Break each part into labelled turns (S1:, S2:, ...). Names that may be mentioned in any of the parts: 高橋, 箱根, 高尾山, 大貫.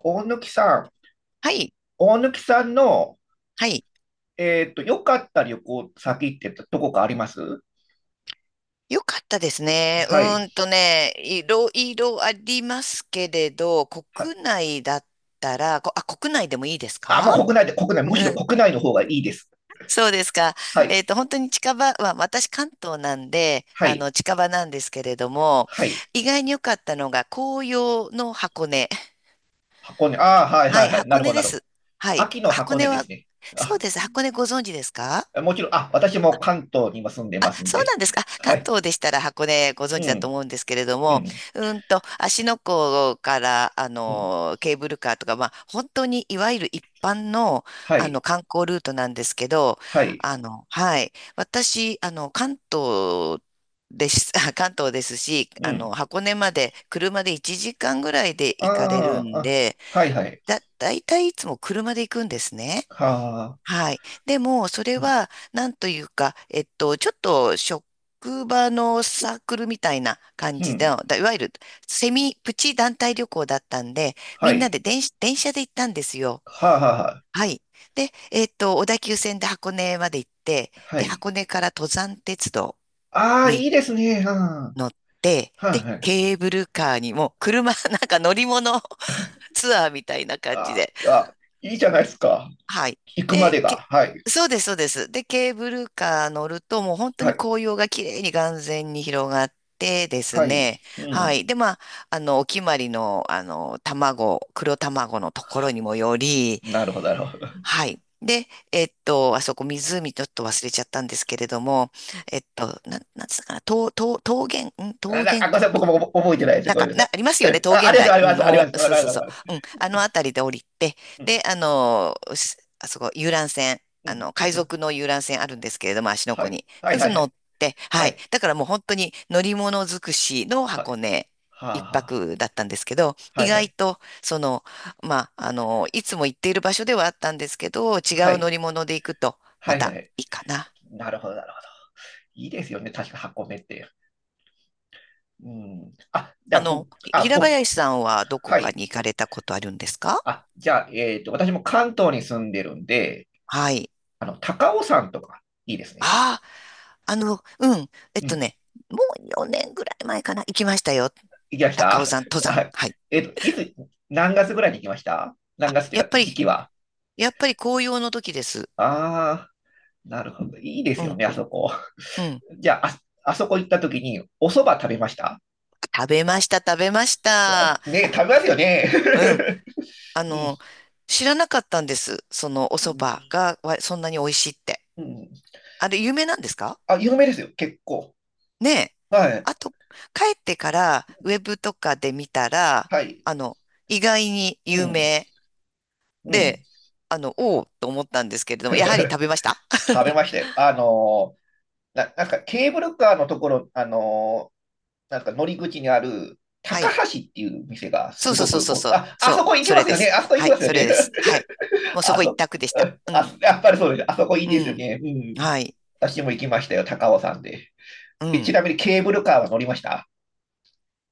S1: 大貫さん、
S2: はい。
S1: 大貫さんの、
S2: はい。
S1: 良かった旅行先ってどこかあります？
S2: よかったですね。
S1: はい。
S2: いろいろありますけれど、
S1: はい。
S2: 国内だったら、国内でもいいです
S1: あ、もう
S2: か？
S1: 国内で、国内、
S2: う
S1: むしろ
S2: ん。
S1: 国内の方がいいです。
S2: そうですか。
S1: はい。
S2: 本当に近場、まあ、私関東なんで、
S1: はい。
S2: 近場なんですけれども、
S1: はい。
S2: 意外に良かったのが紅葉の箱根。
S1: 箱根。ああ、はいは
S2: はい、
S1: いはい。な
S2: 箱
S1: るほ
S2: 根
S1: ど、な
S2: で
S1: るほど。
S2: す。はい。
S1: 秋の
S2: 箱
S1: 箱根
S2: 根
S1: で
S2: は、
S1: すね。
S2: そう
S1: あ、
S2: です。箱根ご存知ですか？
S1: もちろん、私も関東に今住んで
S2: あ、
S1: ますん
S2: そう
S1: で。
S2: なんですか。あ、
S1: は
S2: 関
S1: い。
S2: 東でしたら箱根ご存
S1: う
S2: 知だと
S1: ん、
S2: 思うんですけれど
S1: う
S2: も、
S1: ん、
S2: うんと、芦ノ湖から、
S1: うん。
S2: ケーブルカーとか、まあ、本当にいわゆる一般の、
S1: はい、
S2: 観光ルートなんですけど、
S1: はい、
S2: はい。私、関東です、関東ですし、
S1: うん。
S2: 箱根まで車で1時間ぐらいで
S1: あ
S2: 行かれる
S1: あ、
S2: んで、
S1: はいはい。
S2: だいたいいつも車で行くんですね。
S1: はあ、
S2: はい。でも、それ
S1: うん、
S2: は、なんというか、ちょっと職場のサークルみたいな感
S1: う
S2: じで、
S1: ん。
S2: だいわゆるセミプチ団体旅行だったんで、
S1: は
S2: みんな
S1: い。
S2: で電車で行ったんですよ。
S1: はあ、はあ、
S2: はい。で、小田急線で箱根まで行って、
S1: は
S2: で、
S1: い。
S2: 箱根から登山鉄道
S1: ああ、い
S2: に
S1: いですね。うんは
S2: 乗って、で、
S1: いはい。
S2: ケーブルカーにも、車、なんか乗り物 ツアーみたいな感じ
S1: あ
S2: で、
S1: ーあ、いいじゃないですか。
S2: はい。
S1: 行くまで
S2: で、け、
S1: が。はい。
S2: そうです、そうです。で、ケーブルカー乗ると、もう本当
S1: は
S2: に
S1: い。
S2: 紅葉が綺麗に眼前に広がってです
S1: はい。
S2: ね。
S1: う
S2: は
S1: ん。
S2: い。で、まあ、お決まりの、卵、黒卵のところにもより、
S1: なるほど、なるほど。
S2: はい。で、あそこ湖ちょっと忘れちゃったんですけれども、えっと、なんつったかな、とうとう桃源、ん 桃
S1: ご
S2: 源
S1: めんなさ
S2: 湖、
S1: い。僕
S2: と
S1: も覚えてないです。
S2: なん
S1: ごめん
S2: か、
S1: なさい。
S2: ありますよね、
S1: え、
S2: 桃
S1: あ、あ
S2: 源
S1: りがとう、
S2: 台。
S1: あり
S2: う
S1: ま
S2: ん、
S1: す、ありが
S2: も
S1: とう
S2: う、
S1: ござい
S2: そ
S1: ます。
S2: う
S1: あり
S2: そう
S1: がとうご
S2: そ
S1: ざ
S2: う。
S1: います。
S2: うん、あのあたりで降りて、
S1: うん。
S2: で、あそこ、遊覧船、
S1: うん。う
S2: 海
S1: ん
S2: 賊の遊覧船あるんですけれども、芦ノ
S1: は
S2: 湖
S1: い。
S2: に。
S1: はい、は
S2: そ
S1: い、
S2: の
S1: は
S2: 乗
S1: い。
S2: って、
S1: は
S2: はい。
S1: い。
S2: だからもう本当に乗り物尽くしの
S1: は
S2: 箱
S1: い。
S2: 根
S1: は
S2: 一
S1: あ、は
S2: 泊だったんですけど、
S1: あ。は
S2: 意
S1: い、は
S2: 外
S1: い。
S2: と、その、まあ、いつも行っている場所ではあったんですけど、違
S1: は
S2: う乗
S1: い。
S2: り物で行くと、ま
S1: はい、は
S2: た
S1: い。
S2: いいかな。
S1: なるほど、なるほど。いいですよね。確か箱根って。うん。あ、じゃあ、僕、あ、
S2: 平
S1: 僕、
S2: 林さんはどこ
S1: は
S2: か
S1: い。
S2: に行かれたことあるんですか？
S1: あ、じゃあ、私も関東に住んでるんで、
S2: はい。
S1: 高尾山とか、いいですね。
S2: ああ。うん。
S1: うん。
S2: もう4年ぐらい前かな、行きましたよ。
S1: 行きまし
S2: 高尾
S1: た
S2: 山登
S1: は
S2: 山。
S1: い。
S2: はい。
S1: えっと、いつ、何月ぐらいに行きました？何
S2: あ、
S1: 月っていう
S2: やっ
S1: か、
S2: ぱ
S1: 時
S2: り、
S1: 期は。
S2: やっぱり紅葉の時です。
S1: ああ、なるほど。いいで
S2: う
S1: すよ
S2: ん、
S1: ね、あそこ。
S2: う ん。
S1: じゃあ、あそこ行った時に、お蕎麦食べました？
S2: 食べました、食べまし
S1: あ
S2: た。
S1: ね、食べますよね。
S2: うん。あ
S1: う
S2: の、知らなかったんです。そのお蕎
S1: ん。
S2: 麦がわそんなに美味しいって。
S1: うん。
S2: あれ、有名なんですか？
S1: あ、有名ですよ、結構。
S2: ねえ。
S1: はい。
S2: あと、帰ってからウェブとかで見たら、
S1: はい。
S2: あの、意外に
S1: う
S2: 有
S1: ん。
S2: 名
S1: うん。
S2: で、おおと思ったんですけれども、やはり食 べました。
S1: 食べましたよ。なんかケーブルカーのところ、なんか乗り口にある
S2: は
S1: 高
S2: い。
S1: 橋っていう店が
S2: そ
S1: す
S2: うそう
S1: ご
S2: そう
S1: く
S2: そう
S1: お、
S2: そう。
S1: あ、あ
S2: そう。
S1: そこ行き
S2: そ
S1: ま
S2: れ
S1: す
S2: で
S1: よね。
S2: す。
S1: あそこ行き
S2: は
S1: ま
S2: い。
S1: すよ
S2: それ
S1: ね。
S2: です。はい。もうそ
S1: あ
S2: こ一
S1: そ、
S2: 択でした。う
S1: あ
S2: ん。
S1: そ、やっぱりそうです。あそこいい
S2: う
S1: ですよ
S2: ん。
S1: ね。うん。
S2: はい。
S1: 私も行きましたよ、高尾山で。
S2: う
S1: で、ち
S2: ん。
S1: なみにケーブルカーは乗りました？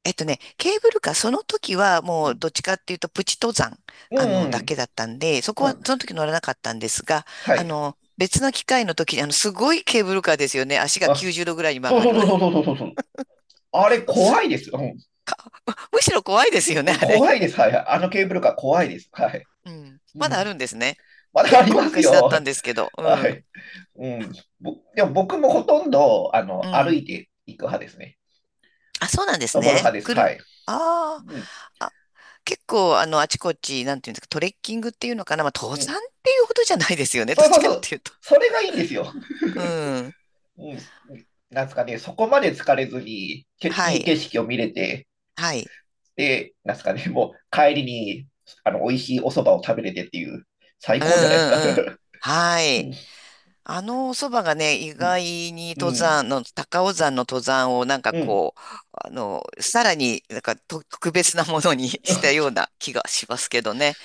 S2: えっとね、ケーブルカー、その時は
S1: う
S2: もう
S1: ん
S2: どっちかっていうとプチ登山、
S1: うんう
S2: だけ
S1: ん。
S2: だったんで、そこ
S1: う
S2: は
S1: ん。
S2: その時乗らなかったんですが、
S1: はい。
S2: 別の機会の時に、すごいケーブルカーですよね。足が
S1: あ、
S2: 90度ぐらいに曲
S1: そう
S2: が
S1: そう
S2: る。
S1: そうそうそうそうそう。あれ、怖いです。うん。
S2: むしろ怖いですよ
S1: う
S2: ね、
S1: ん
S2: あれ。
S1: 怖いです。はい。あのケーブルカー怖いです。はい。
S2: うん。
S1: う
S2: まだ
S1: ん。
S2: あるんですね。
S1: まだあ
S2: 結
S1: り
S2: 構
S1: ます
S2: 昔だった
S1: よ。
S2: んですけど、
S1: は
S2: うん。
S1: い。うん、でも僕もほとんど
S2: う
S1: 歩
S2: ん。
S1: いていく派ですね。
S2: あ、そうなんです
S1: 登る
S2: ね。
S1: 派です。
S2: く
S1: は
S2: る、
S1: い。
S2: あー
S1: うん、
S2: あ結構、あちこち、なんていうんですか、トレッキングっていうのかな、まあ、登
S1: うん。
S2: 山っていうほどじゃないですよね、ど
S1: そう
S2: っ
S1: そ
S2: ち
S1: う
S2: か
S1: そ
S2: っ
S1: う。
S2: ていうと。
S1: それがいいんですよ。
S2: うん。
S1: うん。なんですかね、そこまで疲れずに、け
S2: は
S1: いい
S2: い。
S1: 景色を見れて、
S2: はい。
S1: で、なんですかね、もう帰りにあの美味しいお蕎麦を食べれてっていう、最
S2: うん
S1: 高じゃないですか。
S2: うんうん。は
S1: うん、
S2: い。あのおそばがね、意外に
S1: う
S2: 登
S1: ん、
S2: 山の、高尾山の登山をなんか
S1: うん。
S2: こう、さらになんかと特別なものに したような気がしますけどね。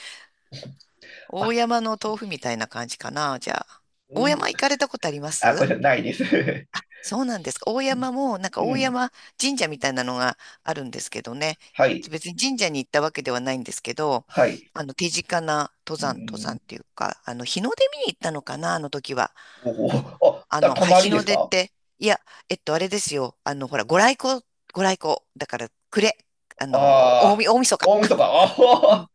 S2: 大
S1: あ、
S2: 山の豆腐みたいな感じかな、じゃあ。
S1: う
S2: 大
S1: ん、
S2: 山行かれたことありま
S1: あ、これ
S2: す？
S1: じゃないです。
S2: そうなんですか。大山も、なんか
S1: う
S2: 大
S1: ん、
S2: 山神社みたいなのがあるんですけどね。
S1: はい、
S2: 別に神社に行ったわけではないんですけど、
S1: はい。
S2: 手近な登
S1: う
S2: 山、登山
S1: ん、
S2: っていうか、日の出見に行ったのかな、あの時は。
S1: おお、泊
S2: はい、
S1: まり
S2: 日
S1: で
S2: の
S1: す
S2: 出っ
S1: か？
S2: て、いや、あれですよ。ほら、ご来光、ご来光。だから、暮れ。
S1: ああ、
S2: 大晦日。
S1: 大晦日。あ
S2: うん。
S1: あ、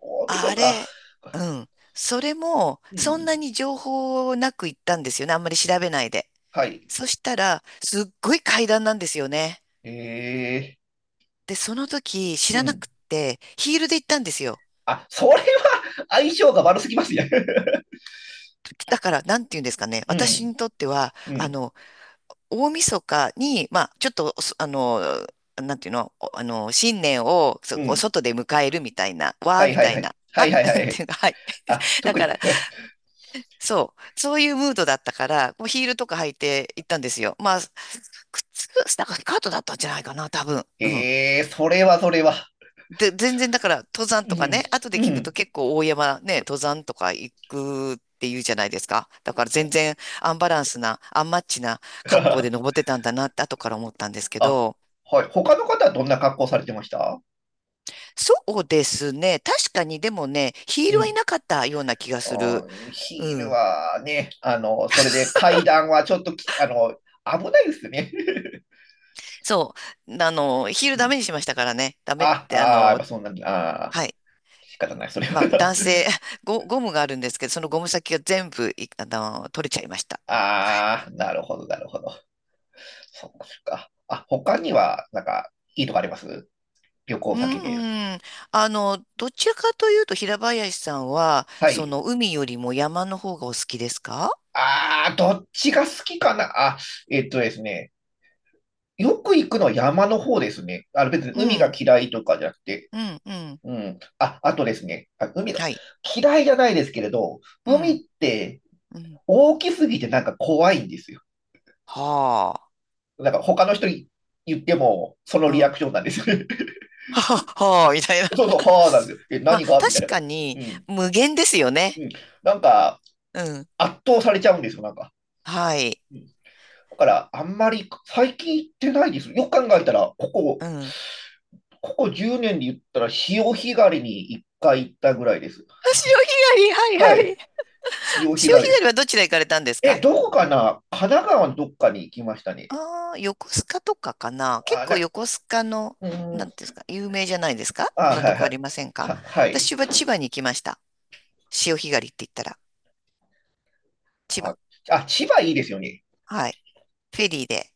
S1: 大晦
S2: あれ、
S1: 日。
S2: うん。それも、
S1: う
S2: そん
S1: ん。
S2: なに情報なく行ったんですよね。あんまり調べないで。
S1: はい。
S2: そしたら、すっごい階段なんですよね。
S1: ええ
S2: で、その時知
S1: う
S2: らな
S1: ん。
S2: くて、ヒールで行ったんですよ。
S1: あ、それは相性が悪すぎますね。
S2: だから、なんて言うんですかね。
S1: う
S2: 私
S1: ん。
S2: にとっては、
S1: う
S2: あ
S1: ん。
S2: の、大晦日に、まあ、ちょっと、そあの、なんていうの、おあの、新年を、そ
S1: う
S2: こ、
S1: ん。
S2: 外で迎えるみたいな、わ
S1: は
S2: ー
S1: い
S2: み
S1: はい
S2: た
S1: は
S2: い
S1: い。
S2: な、
S1: は
S2: は、
S1: いは いは
S2: な
S1: いは
S2: ん
S1: い。
S2: ていうか、はい。
S1: あ、
S2: だ
S1: 特
S2: か
S1: に。
S2: ら、そう、そういうムードだったから、もうヒールとか履いて行ったんですよ。まあ、靴、なんかスカートだったんじゃないかな、多分。うん。
S1: ええそれはそれは。
S2: で、全然だから登山
S1: う
S2: とか
S1: ん。
S2: ね、後で
S1: う
S2: 聞くと
S1: ん。
S2: 結構大山ね、登山とか行くって言うじゃないですか。だから全然アンバランスな、アンマッチな格好で 登ってたんだなって後から思ったんですけ
S1: あ、
S2: ど、
S1: はい。他の方はどんな格好されてました？
S2: そうですね。確かにでもね、ヒー
S1: う
S2: ルはい
S1: ん。
S2: なかったような気がす
S1: あ
S2: る。
S1: ーヒ
S2: う
S1: ール
S2: ん。
S1: はね、それで階段はちょっとき、あの、危ないですね。
S2: そう。ヒールダメ にしましたからね。ダメっ
S1: あ、
S2: て、
S1: ああ、やっぱそんなああ、
S2: はい。
S1: 仕方ない、それ
S2: まあ
S1: は
S2: 男 性、ゴムがあるんですけど、そのゴム先が全部い、あの、取れちゃいました。はい。
S1: ああ、なるほど、なるほど。そっか、そっか。あ、他には、なんか、いいとこあります？旅
S2: う
S1: 行先で。
S2: ん、どちらかというと平林さんは、
S1: は
S2: そ
S1: い。
S2: の海よりも山の方がお好きですか？
S1: ああ、どっちが好きかな？あ、えっとですね。よく行くのは山の方ですね。別に
S2: う
S1: 海が
S2: ん、
S1: 嫌いとかじゃなくて。
S2: うん、うん。
S1: うん。あ、あとですね。海が
S2: はい。
S1: 嫌いじゃないですけれど、
S2: う
S1: 海っ
S2: ん、
S1: て
S2: うん。
S1: 大きすぎてなんか怖いんですよ。
S2: は
S1: なんか他の人に言っても、その
S2: あ、
S1: リア
S2: うん。
S1: クションなんです。
S2: はは、はあ、みたいな。
S1: そうそ う、はあなんですよ。え、
S2: まあ、
S1: 何がみたい
S2: 確
S1: な感
S2: かに
S1: じ。うん。
S2: 無限ですよね。
S1: うん。なんか、
S2: うん。
S1: 圧倒されちゃうんですよ、なんか。
S2: はい。
S1: うん。だから、あんまり最近行ってないです。よく考えたら、ここ、
S2: うん。
S1: ここ10年で言ったら、潮干狩りに一回行ったぐらいです。
S2: 潮 干狩り、は
S1: は
S2: いはい。
S1: い。潮干
S2: 潮干狩
S1: 狩り。
S2: りはどちら行かれたんです
S1: え、
S2: か？
S1: どこかな？神奈川のどっかに行きましたね。
S2: ああ、横須賀とかかな。結
S1: あ、
S2: 構
S1: な、
S2: 横須賀の、
S1: うー
S2: な
S1: ん。
S2: んていうんですか、有名じゃないですか、
S1: あ、
S2: な
S1: は
S2: と
S1: い
S2: こ
S1: は
S2: あり
S1: い。
S2: ませんか？
S1: はい。
S2: 私は千葉に行きました。潮干狩りって言ったら、千葉。
S1: あ、あ、千葉いいですよね。
S2: はい。フェリーで。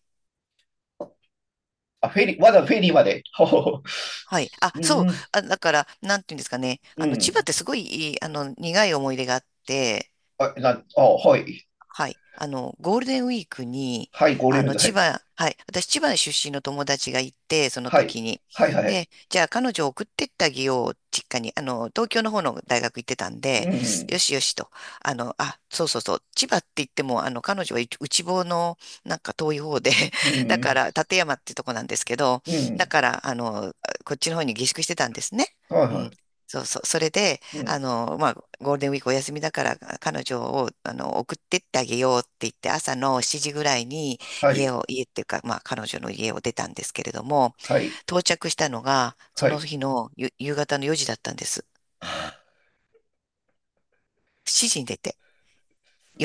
S1: あ、フェリー、わざわざフェリーまで。ほほほ。
S2: はい。あ、
S1: う
S2: そう。
S1: ん、
S2: あ、だから、なんていうんですかね。
S1: う
S2: 千
S1: ん。
S2: 葉ってすごいいい、苦い思い出があって、
S1: あ、はい。
S2: はい。ゴールデンウィークに、
S1: はい、ゴールデ
S2: あ
S1: ンウィー
S2: の、
S1: ク、は
S2: 千
S1: い。
S2: 葉、はい。私、千葉出身の友達がいて、その
S1: は
S2: 時
S1: い。
S2: に。
S1: はい、はい。
S2: で、じゃあ、彼女を送ってってあげよう、実家に。東京の方の大学行ってたん
S1: う
S2: で、
S1: ん。
S2: よしよしと。あ、そうそうそう。千葉って言っても、彼女は内房の、なんか遠い方で、
S1: う
S2: だ
S1: ん。
S2: から、館山ってとこなんですけど、
S1: う
S2: だ
S1: ん。
S2: から、こっちの方に下宿してたんですね。
S1: はい、
S2: う
S1: は
S2: ん。
S1: い。
S2: そうそう。それで、
S1: うん。
S2: まあ、ゴールデンウィークお休みだから、彼女を、送ってってあげようって言って、朝の7時ぐらいに
S1: は
S2: 家
S1: い。
S2: を、家っていうか、まあ、彼女の家を出たんですけれども、
S1: はい。
S2: 到着したのが、そ
S1: は
S2: の
S1: い。
S2: 日の夕方の4時だったんです。
S1: は
S2: 7時に出て、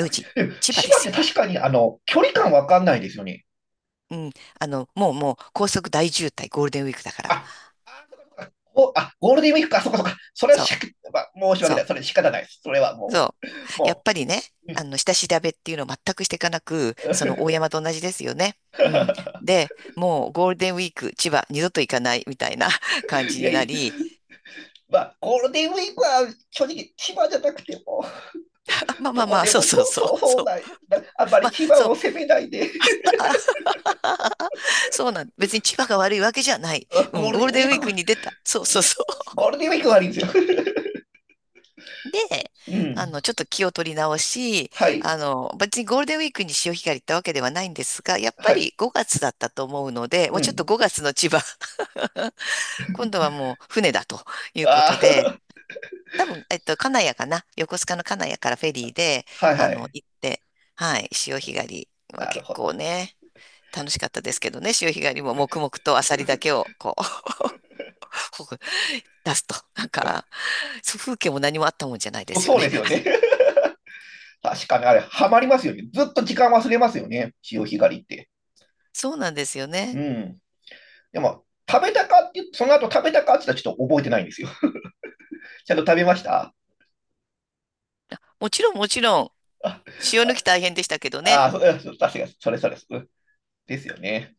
S1: あすごい
S2: 時、
S1: でも
S2: 千葉
S1: 千
S2: で
S1: 葉っ
S2: す
S1: て
S2: よ。
S1: 確かに、距離感わかんないですよね。
S2: うん。もうもう、高速大渋滞、ゴールデンウィークだから。
S1: あ、あ、あ、ゴールデンウィークか、そっかそっか。それは
S2: そ
S1: し、
S2: う、
S1: まあ、申し訳
S2: そう。
S1: ない。それ仕方ないです。それはも
S2: そ
S1: う、
S2: う。やっ
S1: も
S2: ぱりね、
S1: う。うん
S2: 下調べっていうのを全くしていかなく、その大山と同じですよね。うん。で、もうゴールデンウィーク、千葉、二度と行かないみたいな 感
S1: い
S2: じ
S1: や
S2: にな
S1: いや、
S2: り、
S1: まあ、ゴールデンウィークは正直、千葉じゃなくても、
S2: あ、まあま
S1: ど
S2: あ
S1: こ
S2: まあ、
S1: で
S2: そう
S1: も
S2: そう
S1: そう
S2: そう、
S1: そうそう
S2: そう。
S1: ない、なあんま
S2: ま
S1: り
S2: あ、
S1: 千葉
S2: そ
S1: を
S2: う、
S1: 責めないで、
S2: そうなん、別に千葉が悪いわけじゃない。う
S1: ゴー
S2: ん、
S1: ル
S2: ゴー
S1: デン
S2: ル
S1: ウィ
S2: デ
S1: ー
S2: ンウィ
S1: ク、
S2: ークに出た。そうそうそ
S1: ゴールデンウィークがありんですよ。
S2: う。で、
S1: うん。
S2: ちょっと気を取り直し、
S1: はい。
S2: 別にゴールデンウィークに潮干狩り行ったわけではないんですが、やっぱ
S1: はい。
S2: り5月だったと思うので、もう
S1: う
S2: ちょっと
S1: ん。
S2: 5月の千葉、今度はもう船だということ
S1: あ
S2: で、
S1: あ、
S2: 多分、金谷かな、横須賀の金谷からフェリーで、
S1: はいはい。
S2: 行って、はい、潮干狩りは
S1: なる
S2: 結
S1: ほど。
S2: 構ね、楽しかったですけどね、潮干狩りも黙々とアサリだけをこう、出すと、なんか、そう風景も何もあったもんじゃないで
S1: そう
S2: すよ
S1: そう
S2: ね。
S1: ですよね。確かにあれ、ハマりますよね。ずっと時間忘れますよね。潮干狩りって。
S2: そうなんですよ
S1: う
S2: ね。
S1: ん。でも、食べたかって言って、その後食べたかって言ったらちょっと覚えてないんですよ。ちゃんと食べました？
S2: もちろん、もちろん、
S1: あ、
S2: 潮抜き
S1: あ、
S2: 大変でしたけど
S1: あ
S2: ね。
S1: あ、そうそう確かに、それそれ。ですよね。